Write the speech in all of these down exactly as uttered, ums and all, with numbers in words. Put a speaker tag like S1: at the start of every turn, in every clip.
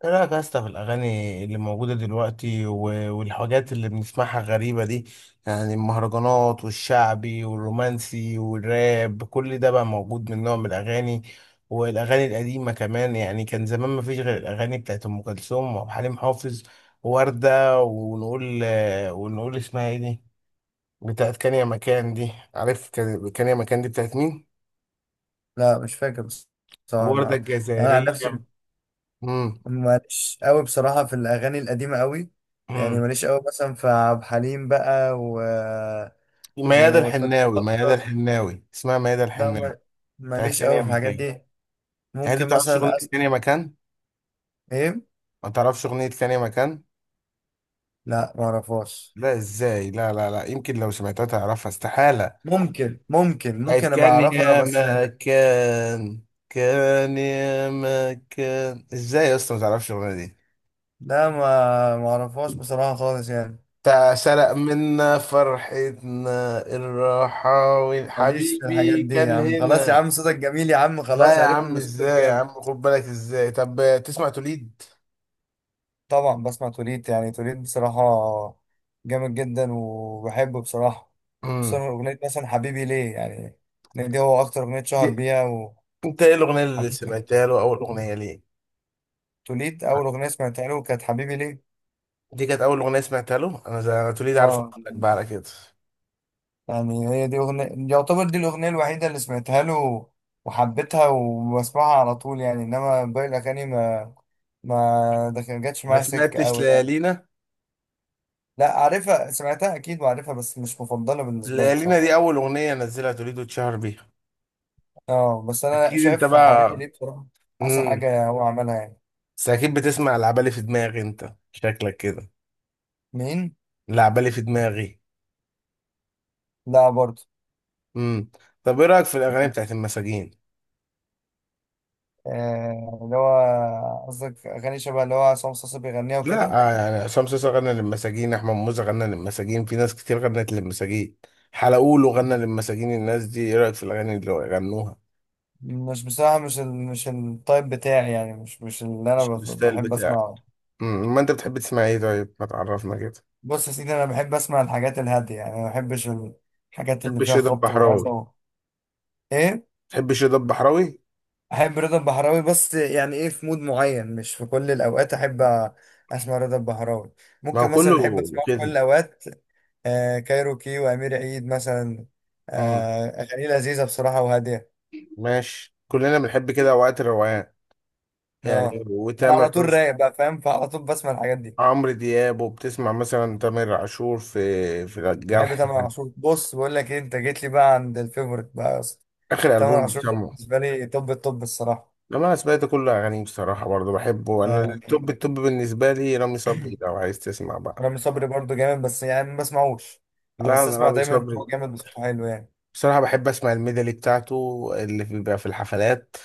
S1: ايه رايك يا اسطى في الاغاني اللي موجوده دلوقتي و- والحاجات اللي بنسمعها غريبه دي؟ يعني المهرجانات والشعبي والرومانسي والراب كل ده بقى موجود من نوع من الاغاني، والاغاني القديمه كمان. يعني كان زمان ما فيش غير الاغاني بتاعت ام كلثوم وعبد الحليم حافظ ووردة. ونقول ونقول اسمها ايه دي؟ بتاعت كان يا مكان دي، عارف؟ كان كان يا مكان دي بتاعت مين؟
S2: لا مش فاكر بس- بصراحة
S1: وردة
S2: ما يعني أنا عن
S1: الجزائرية.
S2: نفسي ماليش قوي بصراحة في الأغاني القديمة قوي. يعني
S1: امم
S2: ماليش قوي مثلا في عبد الحليم بقى و
S1: ميادة
S2: وفريد
S1: الحناوي ميادة
S2: الأطرش.
S1: الحناوي اسمها ميادة
S2: لا
S1: الحناوي.
S2: ما-
S1: بتاعت
S2: ماليش قوي
S1: ثانية
S2: في الحاجات
S1: مكان.
S2: دي.
S1: يعني انت
S2: ممكن
S1: بتعرفش اغنية
S2: مثلا أس...
S1: ثانية مكان؟
S2: إيه؟
S1: ما تعرفش اغنية ثانية مكان؟
S2: لا ما أعرفهاش.
S1: لا، ازاي؟ لا لا لا، يمكن لو سمعتها تعرفها، استحالة.
S2: ممكن ممكن
S1: بقت
S2: ممكن أبقى
S1: كان
S2: أعرفها
S1: يا
S2: بس.
S1: مكان. كان يا مكان، ازاي يا اسطى ما تعرفش الاغنية دي؟
S2: لا ما ما أعرفهاش بصراحة خالص يعني.
S1: بتاع سرق منا فرحتنا الرحاوي،
S2: ماليش في الحاجات
S1: حبيبي
S2: دي يا
S1: كان
S2: عم، خلاص يا
S1: هنا.
S2: عم، صوتك جميل يا عم،
S1: لا
S2: خلاص
S1: يا
S2: عرفنا
S1: عم،
S2: إن صوتك
S1: ازاي يا عم؟
S2: جامد.
S1: خد بالك، ازاي؟ طب تسمع توليد؟
S2: طبعا بسمع توليت، يعني توليت بصراحة جامد جدا وبحبه بصراحة.
S1: امم
S2: خصوصا أغنية مثلا حبيبي ليه يعني، إن دي هو أكتر أغنية شهر بيها.
S1: انت ايه الاغنيه اللي
S2: وحبيبي
S1: سمعتها له؟ اول اغنيه ليه؟
S2: توليت أول أغنية سمعتها له كانت حبيبي ليه.
S1: دي كانت اول اغنيه سمعتها له، انا زي انا توليد، عارف؟
S2: اه،
S1: اقول لك بقى على كده.
S2: يعني هي دي أغنية، يعتبر دي الأغنية الوحيدة اللي سمعتها له وحبيتها وبسمعها على طول يعني. إنما باقي الأغاني ما ما ده كان- جاتش
S1: ما
S2: معايا سكة
S1: سمعتش
S2: أوي يعني.
S1: ليالينا؟
S2: لا عارفها، سمعتها أكيد وعارفها، بس مش مفضلة بالنسبة لي
S1: ليالينا
S2: بصراحة.
S1: دي اول اغنيه نزلها توليد واتشهر بيها.
S2: اه بس انا
S1: اكيد انت
S2: شايف حبيبي
S1: بقى.
S2: ليه بصراحه احسن
S1: امم
S2: حاجه هو عملها يعني.
S1: بس اكيد بتسمع العبالي في دماغي، انت شكلك كده.
S2: مين؟
S1: العبالي في دماغي.
S2: لا برضه.
S1: امم طب ايه رايك في الاغاني بتاعت المساجين؟
S2: آه اللي هو قصدك اغاني شبه اللي هو عصام صاصا بيغنيها وكده.
S1: لا، آه، يعني عصام صاصا غنى للمساجين، احمد موسى غنى للمساجين، في ناس كتير غنت للمساجين. حلقوله غنى للمساجين. الناس دي ايه رايك في الاغاني اللي غنوها؟
S2: مش بصراحه مش ال... مش التايب بتاعي يعني، مش مش اللي انا
S1: مش
S2: بف-
S1: الستايل
S2: بحب
S1: بتاعك.
S2: اسمعه.
S1: امم ما انت بتحب تسمع ايه؟ طيب ما تعرفنا كده.
S2: بص يا سيدي انا بحب اسمع الحاجات الهاديه يعني، ما بحبش الحاجات
S1: تحب
S2: اللي فيها
S1: الشيدر
S2: خبط ورزع
S1: البحراوي؟
S2: و... ايه.
S1: تحب الشيدر البحراوي؟
S2: احب رضا البحراوي، بس يعني ايه، في مود معين مش في كل الاوقات احب أ- اسمع رضا البحراوي.
S1: ما هو
S2: ممكن مثلا
S1: كله
S2: اللي احب اسمعه في كل
S1: كده.
S2: الاوقات آه كايروكي وامير عيد مثلا.
S1: امم
S2: آه اغاني لذيذه بصراحه وهاديه.
S1: ماشي، كلنا بنحب كده اوقات الروقان.
S2: اه
S1: يعني
S2: انا
S1: وتامر
S2: على طول
S1: حسني.
S2: رايق بقى، فاهم، فعلى طول بسمع الحاجات دي.
S1: عمرو دياب. وبتسمع مثلا تامر عاشور في في
S2: بحب
S1: الجرح
S2: تامر
S1: يعني؟
S2: عاشور. بص بقول لك ايه، انت جيت لي بقى عند الفيفوريت بقى يا اسطى.
S1: اخر
S2: تامر
S1: البوم
S2: عاشور ده
S1: بسمعه.
S2: بالنسبه لي، طب الطب الصراحه
S1: لما انا سمعت كل اغانيه بصراحه، برضه بحبه.
S2: آه
S1: انا التوب
S2: يعني،
S1: التوب بالنسبه لي رامي صبري، لو عايز تسمع بقى.
S2: رامي صبري برضه جامد بس يعني ما بسمعوش. آه،
S1: لا،
S2: بس
S1: انا
S2: اسمع
S1: رامي
S2: دايما إن هو
S1: صبري.
S2: جامد، بصوته حلو يعني.
S1: بصراحة بحب أسمع الميدالي بتاعته. اللي في- بيبقى في الحفلات.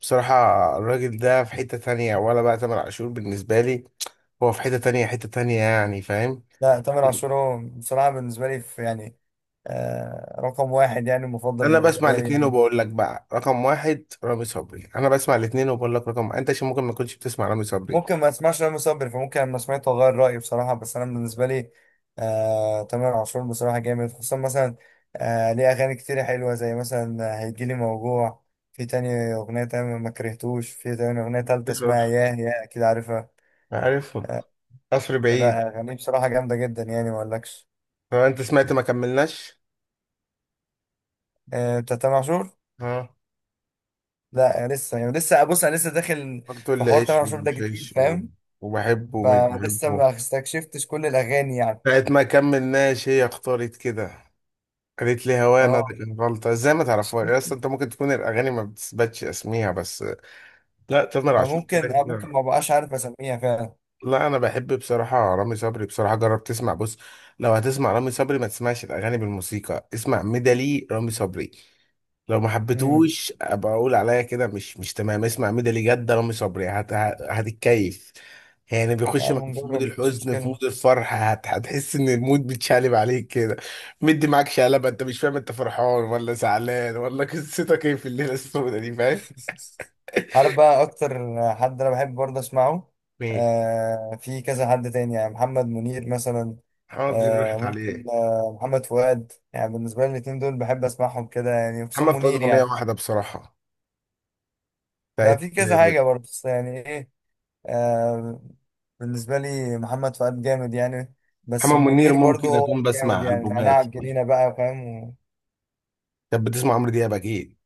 S1: بصراحة. الراجل ده في حتة تانية، ولا بقى تامر عاشور بالنسبة لي. هو في حتة تانية، حتة تانية، يعني، فاهم؟
S2: لا تامر عاشور هو بصراحه بالنسبه لي في يعني آه رقم واحد يعني، مفضل
S1: أنا بسمع
S2: بالنسبه لي
S1: الاتنين
S2: يعني.
S1: وبقول لك بقى رقم واحد رامي صبري. أنا بسمع الاتنين وبقول لك رقم. أنت عشان ممكن ما كنتش بتسمع رامي صبري.
S2: ممكن ما اسمعش رامي صبري، فممكن لما سمعته اغير رايي بصراحه، بس انا بالنسبه لي آه تامر عاشور بصراحه جامد. خصوصا مثلا آه ليه اغاني كتير حلوه زي مثلا هيجيلي موجوع. في تاني اغنيه تانية ما كرهتوش، في تاني اغنيه تالتة اسمها
S1: بصراحة.
S2: ياه ياه اكيد عارفها.
S1: عارف.
S2: آه.
S1: قصر بعيد.
S2: لا اغانيه بصراحه جامده جدا يعني ما اقولكش.
S1: هو أنت سمعت ما كملناش؟
S2: آه بتاع تامر عاشور.
S1: ها؟
S2: لا لسه يعني، لسه بص انا لسه داخل
S1: قلت
S2: في
S1: لي
S2: حوار تامر
S1: عيش
S2: عاشور ده
S1: ومش
S2: جديد،
S1: عيش و-
S2: فاهم،
S1: وبحبه ومش
S2: فلسه
S1: بحبه.
S2: ما استكشفتش كل الاغاني يعني.
S1: ساعة ما كملناش، هي اختارت كده. قالت لي هوانا.
S2: اه.
S1: غلطة! ازاي ما تعرفوها يا اسطى؟ انت ممكن تكون الأغاني ما بتثبتش اسميها بس. لا، تامر
S2: أنا
S1: عاشور
S2: ممكن
S1: كده
S2: أنا ممكن
S1: كده.
S2: ما بقاش عارف أسميها فعلا.
S1: لا، انا بحب بصراحة رامي صبري. بصراحة، جرب تسمع، بص. لو هتسمع رامي صبري ما تسمعش الأغاني بالموسيقى، اسمع ميدالي رامي صبري. لو ما
S2: امم.
S1: حبيتوش ابقى اقول عليا كده مش مش تمام. اسمع ميدو جد رامي صبري هت... هت- هتتكيف. يعني
S2: يا
S1: بيخش
S2: عم
S1: معاك في مود
S2: نجرب، مفيش
S1: الحزن، في
S2: مشكلة.
S1: مود الفرح هت... هتحس ان المود بيتشقلب عليك كده. مدي معاك شقلبه، انت مش فاهم انت فرحان ولا زعلان ولا قصتك ايه في الليله السوداء دي، فاهم؟
S2: عارف بقى أكتر حد أنا بحب برضه أسمعه؟
S1: مين؟
S2: آه في كذا حد تاني، يعني محمد منير مثلا.
S1: محمد منير
S2: آه
S1: راحت
S2: ممكن
S1: عليه.
S2: آه محمد فؤاد يعني، بالنسبة لي الاتنين دول بحب أسمعهم كده يعني، خصوصا
S1: محمد فؤاد
S2: منير
S1: اغنيه
S2: يعني.
S1: واحده بصراحه.
S2: ده
S1: بتاعت.
S2: في كذا حاجة برضه، بس يعني إيه. آه بالنسبة لي محمد فؤاد جامد يعني، بس
S1: محمد منير
S2: منير برضه
S1: ممكن
S2: هو
S1: اكون
S2: جامد
S1: بسمع
S2: يعني. نعناع
S1: البومات ليه.
S2: الجنينة بقى، فاهم.
S1: كانت بتسمع عمرو دياب اكيد؟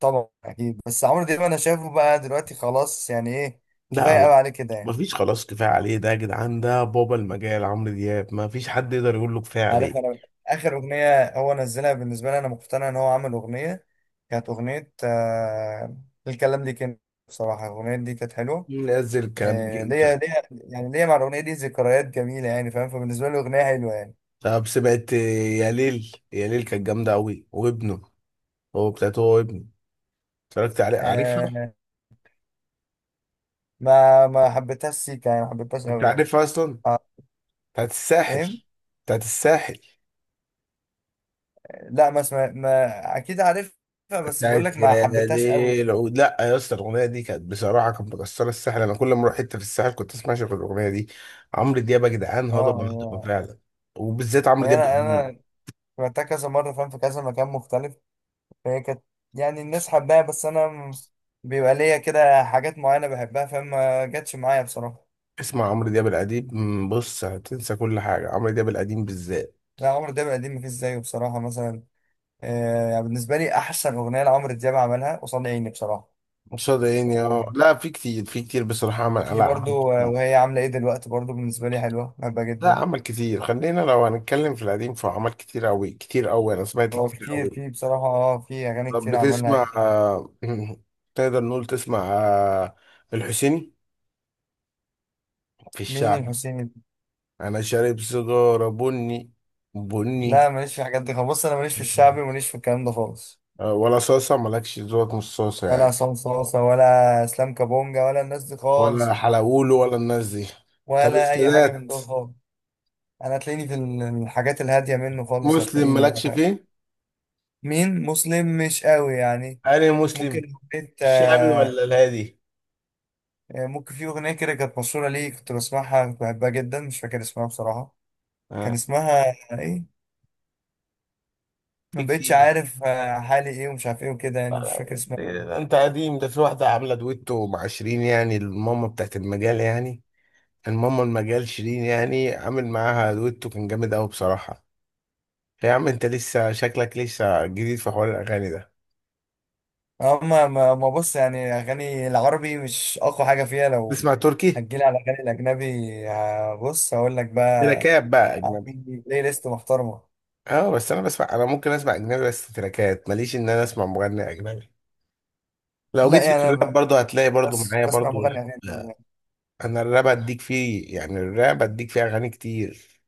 S2: طبعا اكيد، بس عمرو دياب انا شايفه بقى دلوقتي خلاص يعني ايه،
S1: لا،
S2: كفايه
S1: لا.
S2: قوي عليه كده
S1: ما
S2: يعني.
S1: فيش خلاص كفايه عليه. ده يا جدعان ده بابا المجال عمرو دياب، ما فيش حد يقدر يقول له كفايه
S2: عارف
S1: عليك.
S2: انا اخر اغنيه هو نزلها، بالنسبه لي انا مقتنع ان هو عمل اغنيه، كانت اغنيه آه الكلام دي، كان بصراحه الاغنيه دي كانت حلوه.
S1: نزل الكلام ده
S2: آه ليا،
S1: انت؟
S2: ليا يعني ليا مع الاغنيه دي ذكريات جميله يعني، فاهم، فبالنسبه لي اغنيه حلوه يعني.
S1: طب سمعت يا ليل؟ يا ليل كانت جامده قوي، وابنه. هو بتاعته هو وابنه. اتفرجت عليه، عارفها؟
S2: آه، ما ما حبيتهاش سيكا يعني، ما حبيتهاش
S1: انت
S2: قوي يعني.
S1: عارفها اصلا؟
S2: آه.
S1: بتاعت الساحل.
S2: ايه.
S1: بتاعت الساحل.
S2: لا ما اسمع، ما اكيد عارفها. بس بقول لك
S1: بتاعت
S2: ما
S1: يا
S2: حبيتهاش قوي.
S1: ليل عود. لا يا اسطى، الاغنيه دي كانت بصراحه كانت مكسره الساحل. انا كل ما اروح حته في الساحل كنت اسمع شغل الاغنيه دي. عمرو دياب يا جدعان،
S2: اه
S1: هضبه هضبه
S2: آه.
S1: فعلا. وبالذات عمرو
S2: ما هي
S1: دياب
S2: انا،
S1: القديم.
S2: انا رحتها كذا مره، فاهم، في كذا مكان مختلف، فهي كانت يعني الناس حباها، بس انا م- بيبقى ليا كده حاجات معينه بحبها، فاهم، ما جاتش معايا بصراحه.
S1: اسمع عمرو دياب القديم، مم، بص، هتنسى كل حاجة. عمرو دياب القديم بالذات.
S2: لا عمرو دياب القديم مفيش زيه بصراحه، مثلا آه يعني بالنسبه لي احسن اغنيه لعمرو دياب عملها قصاد عيني بصراحه.
S1: صدقني،
S2: وفي
S1: اه لا، في كتير في كتير بصراحة عمل. لا، عمل
S2: برضو آه،
S1: كتير.
S2: وهي عامله ايه دلوقتي، برضو بالنسبه لي حلوه بحبها
S1: لا،
S2: جدا.
S1: عمل كتير، خلينا لو هنتكلم في القديم فهو عمل كتير أوي كتير أوي. أنا سمعت
S2: هو
S1: كتير
S2: كتير،
S1: أوي.
S2: في بصراحه اه في اغاني
S1: طب
S2: كتير عملها.
S1: بتسمع آه، تقدر نقول تسمع، آه، الحسيني. في
S2: مين
S1: الشعب.
S2: الحسيني؟
S1: أنا شارب سيجارة بني.
S2: لا
S1: بني.
S2: ماليش في الحاجات دي خالص. بص انا ماليش في الشعبي، ماليش في الكلام ده خالص.
S1: آه، ولا صاصة مالكش ذوق، مش صاصة
S2: ولا
S1: يعني؟
S2: عصام صاصة ولا اسلام كابونجا ولا الناس دي
S1: ولا
S2: خالص.
S1: حلاوولو ولا الناس دي؟ طب
S2: ولا اي حاجه من
S1: السادات؟
S2: دول خالص. انا هتلاقيني في ال- الحاجات الهاديه منه خالص،
S1: مسلم
S2: هتلاقيني بقى
S1: مالكش
S2: فاهم.
S1: فيه؟
S2: مين مسلم؟ مش قوي يعني.
S1: أنا
S2: ممكن
S1: مسلم.
S2: حبيت
S1: الشعبي
S2: آه،
S1: ولا الهادي؟
S2: ممكن في اغنيه كده كانت مشهوره ليه كنت بسمعها كنت بحبها جدا، مش فاكر اسمها بصراحه. كان
S1: آه.
S2: اسمها ايه؟ ما
S1: في
S2: بقتش
S1: كتير.
S2: عارف. آه، حالي ايه ومش عارف ايه وكده يعني، مش فاكر
S1: آه،
S2: اسمها.
S1: ده انت قديم، ده في واحدة عاملة دويتو مع شيرين، يعني الماما بتاعت المجال يعني. الماما المجال شيرين، يعني عامل معاها دويتو كان جامد قوي بصراحة. يا عم، انت لسه شكلك لسه جديد في حوار الأغاني ده.
S2: اما ما ما بص يعني، اغاني العربي مش اقوى حاجه فيها لو
S1: تسمع تركي؟
S2: هتجيلي على الاغاني الاجنبي. آه، بص هقول لك بقى،
S1: تراكات بقى أجنبي.
S2: عندي بلاي ليست محترمه.
S1: اه، بس انا بسمع، انا ممكن اسمع اجنبي بس تراكات، ماليش ان انا اسمع مغني اجنبي. لو
S2: لا
S1: جيت لي في
S2: يعني أنا
S1: الراب، برضه هتلاقي
S2: ب-
S1: برضه
S2: بس
S1: معايا
S2: بسمع
S1: برضه.
S2: مغني اغاني يعني.
S1: انا الراب اديك فيه، يعني الراب اديك فيه اغاني كتير.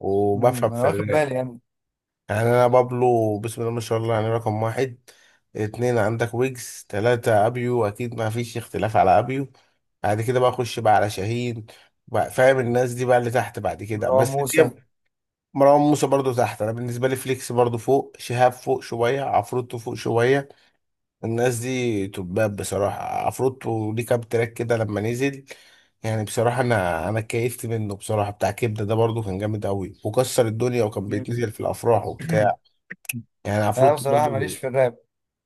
S1: وبفهم
S2: أمم، انا
S1: في
S2: واخد
S1: الراب.
S2: بالي يعني.
S1: يعني انا بابلو، بسم الله ما شاء الله، يعني رقم واحد. اتنين عندك ويجز، تلاتة ابيو، اكيد ما فيش اختلاف على ابيو. بعد كده بقى اخش بقى على شاهين. بقى، فاهم؟ الناس دي بقى اللي تحت. بعد كده
S2: مروان
S1: بس
S2: موسى.
S1: في، مروان موسى برضو تحت. انا بالنسبة لي فليكس برضو فوق، شهاب فوق شوية، عفروتو فوق شوية. الناس دي تباب بصراحة. عفروتو ليه كام تراك كده لما نزل. يعني بصراحة أنا أنا كيفت منه بصراحة. بتاع كبدة ده برضو كان جامد أوي وكسر الدنيا وكان
S2: أمم.
S1: بيتنزل في الأفراح وبتاع. يعني
S2: انا
S1: عفروتو
S2: بصراحه ماليش
S1: برضو.
S2: في الراب.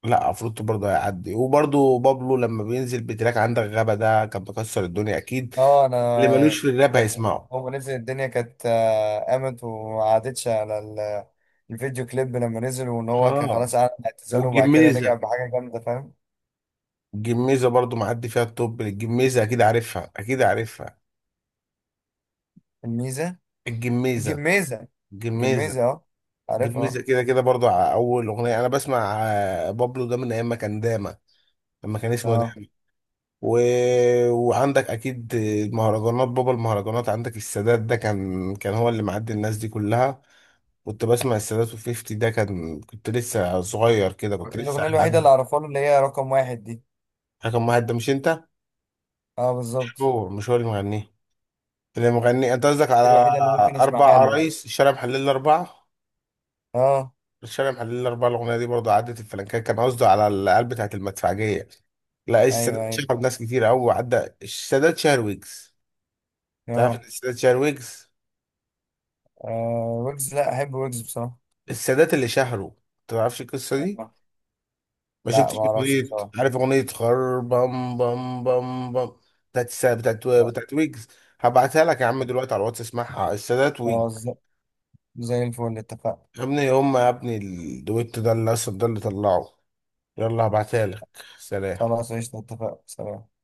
S1: لا، عفروتو برضو هيعدي. وبرضو بابلو لما بينزل بتراك عندك غابة ده كان بيكسر الدنيا أكيد.
S2: اه انا
S1: اللي ملوش في الراب
S2: كانت
S1: هيسمعه.
S2: هو نزل الدنيا كانت آه، قامت وما عادتش على ال- الفيديو كليب لما نزل، وان هو كان
S1: اه.
S2: خلاص قعد اعتزاله وبعد كده رجع
S1: والجميزة.
S2: بحاجه جامده فاهم.
S1: الجميزة برضو معدي فيها التوب. الجميزة أكيد عارفها، أكيد عارفها.
S2: الميزه،
S1: الجميزة.
S2: جميزة،
S1: الجميزة.
S2: جميزة اه،
S1: جميزة
S2: عارفها.
S1: كده كده برضو على أول أغنية. أنا بسمع آه، بابلو ده من أيام ما كان داما. لما كان اسمه
S2: اه.
S1: داما. و... وعندك أكيد المهرجانات، بابا المهرجانات عندك السادات ده كان كان هو اللي معدي الناس دي كلها. كنت بسمع السادات وفيفتي، ده كان، كنت لسه صغير كده،
S2: اه
S1: كنت لسه
S2: الأغنية الوحيدة
S1: حاجة.
S2: اللي أعرفها له اللي هي رقم واحد دي.
S1: حاجة مهد، ده مش أنت؟
S2: اه
S1: مش
S2: بالظبط.
S1: هو مش هو اللي مغنيه؟ اللي مغنيه. أنت قصدك
S2: دي
S1: على
S2: الوحيدة اللي ممكن
S1: أربع
S2: أسمعها له يعني.
S1: عرايس الشارع محلل الأربعة؟
S2: اه.
S1: الشارع محلل الأربعة الأغنية دي برضه عدت الفلنكات، كان قصده على القلب بتاعت المدفعجية. لا،
S2: أيوه
S1: السادات
S2: أيوه.
S1: شهر ناس كتير أوي، عدى السادات شهر ويجز. تعرف إن
S2: اه.
S1: السادات شهر ويجز؟
S2: آه، ويجز لا أحب ويجز بصراحة.
S1: السادات اللي شهره. تعرفش القصة دي؟
S2: آه.
S1: ما
S2: لا
S1: شفتش
S2: ما أعرفش
S1: أغنية؟
S2: بصراحة.
S1: عارف أغنية خر بام بام بام بام؟ بتاعت السادات. بتاعت
S2: لا.
S1: بتاعت ويجز. هبعتها لك يا عم دلوقتي على الواتس، اسمعها السادات
S2: خلاص،
S1: ويجز.
S2: زي زي الفل اتفقنا.
S1: يا ابني، هما يا ابني الدويتو ده اللي أصلا ده اللي طلعه. يلا هبعتها لك. سلام.
S2: خلاص، قشطة، اتفقنا، سلام.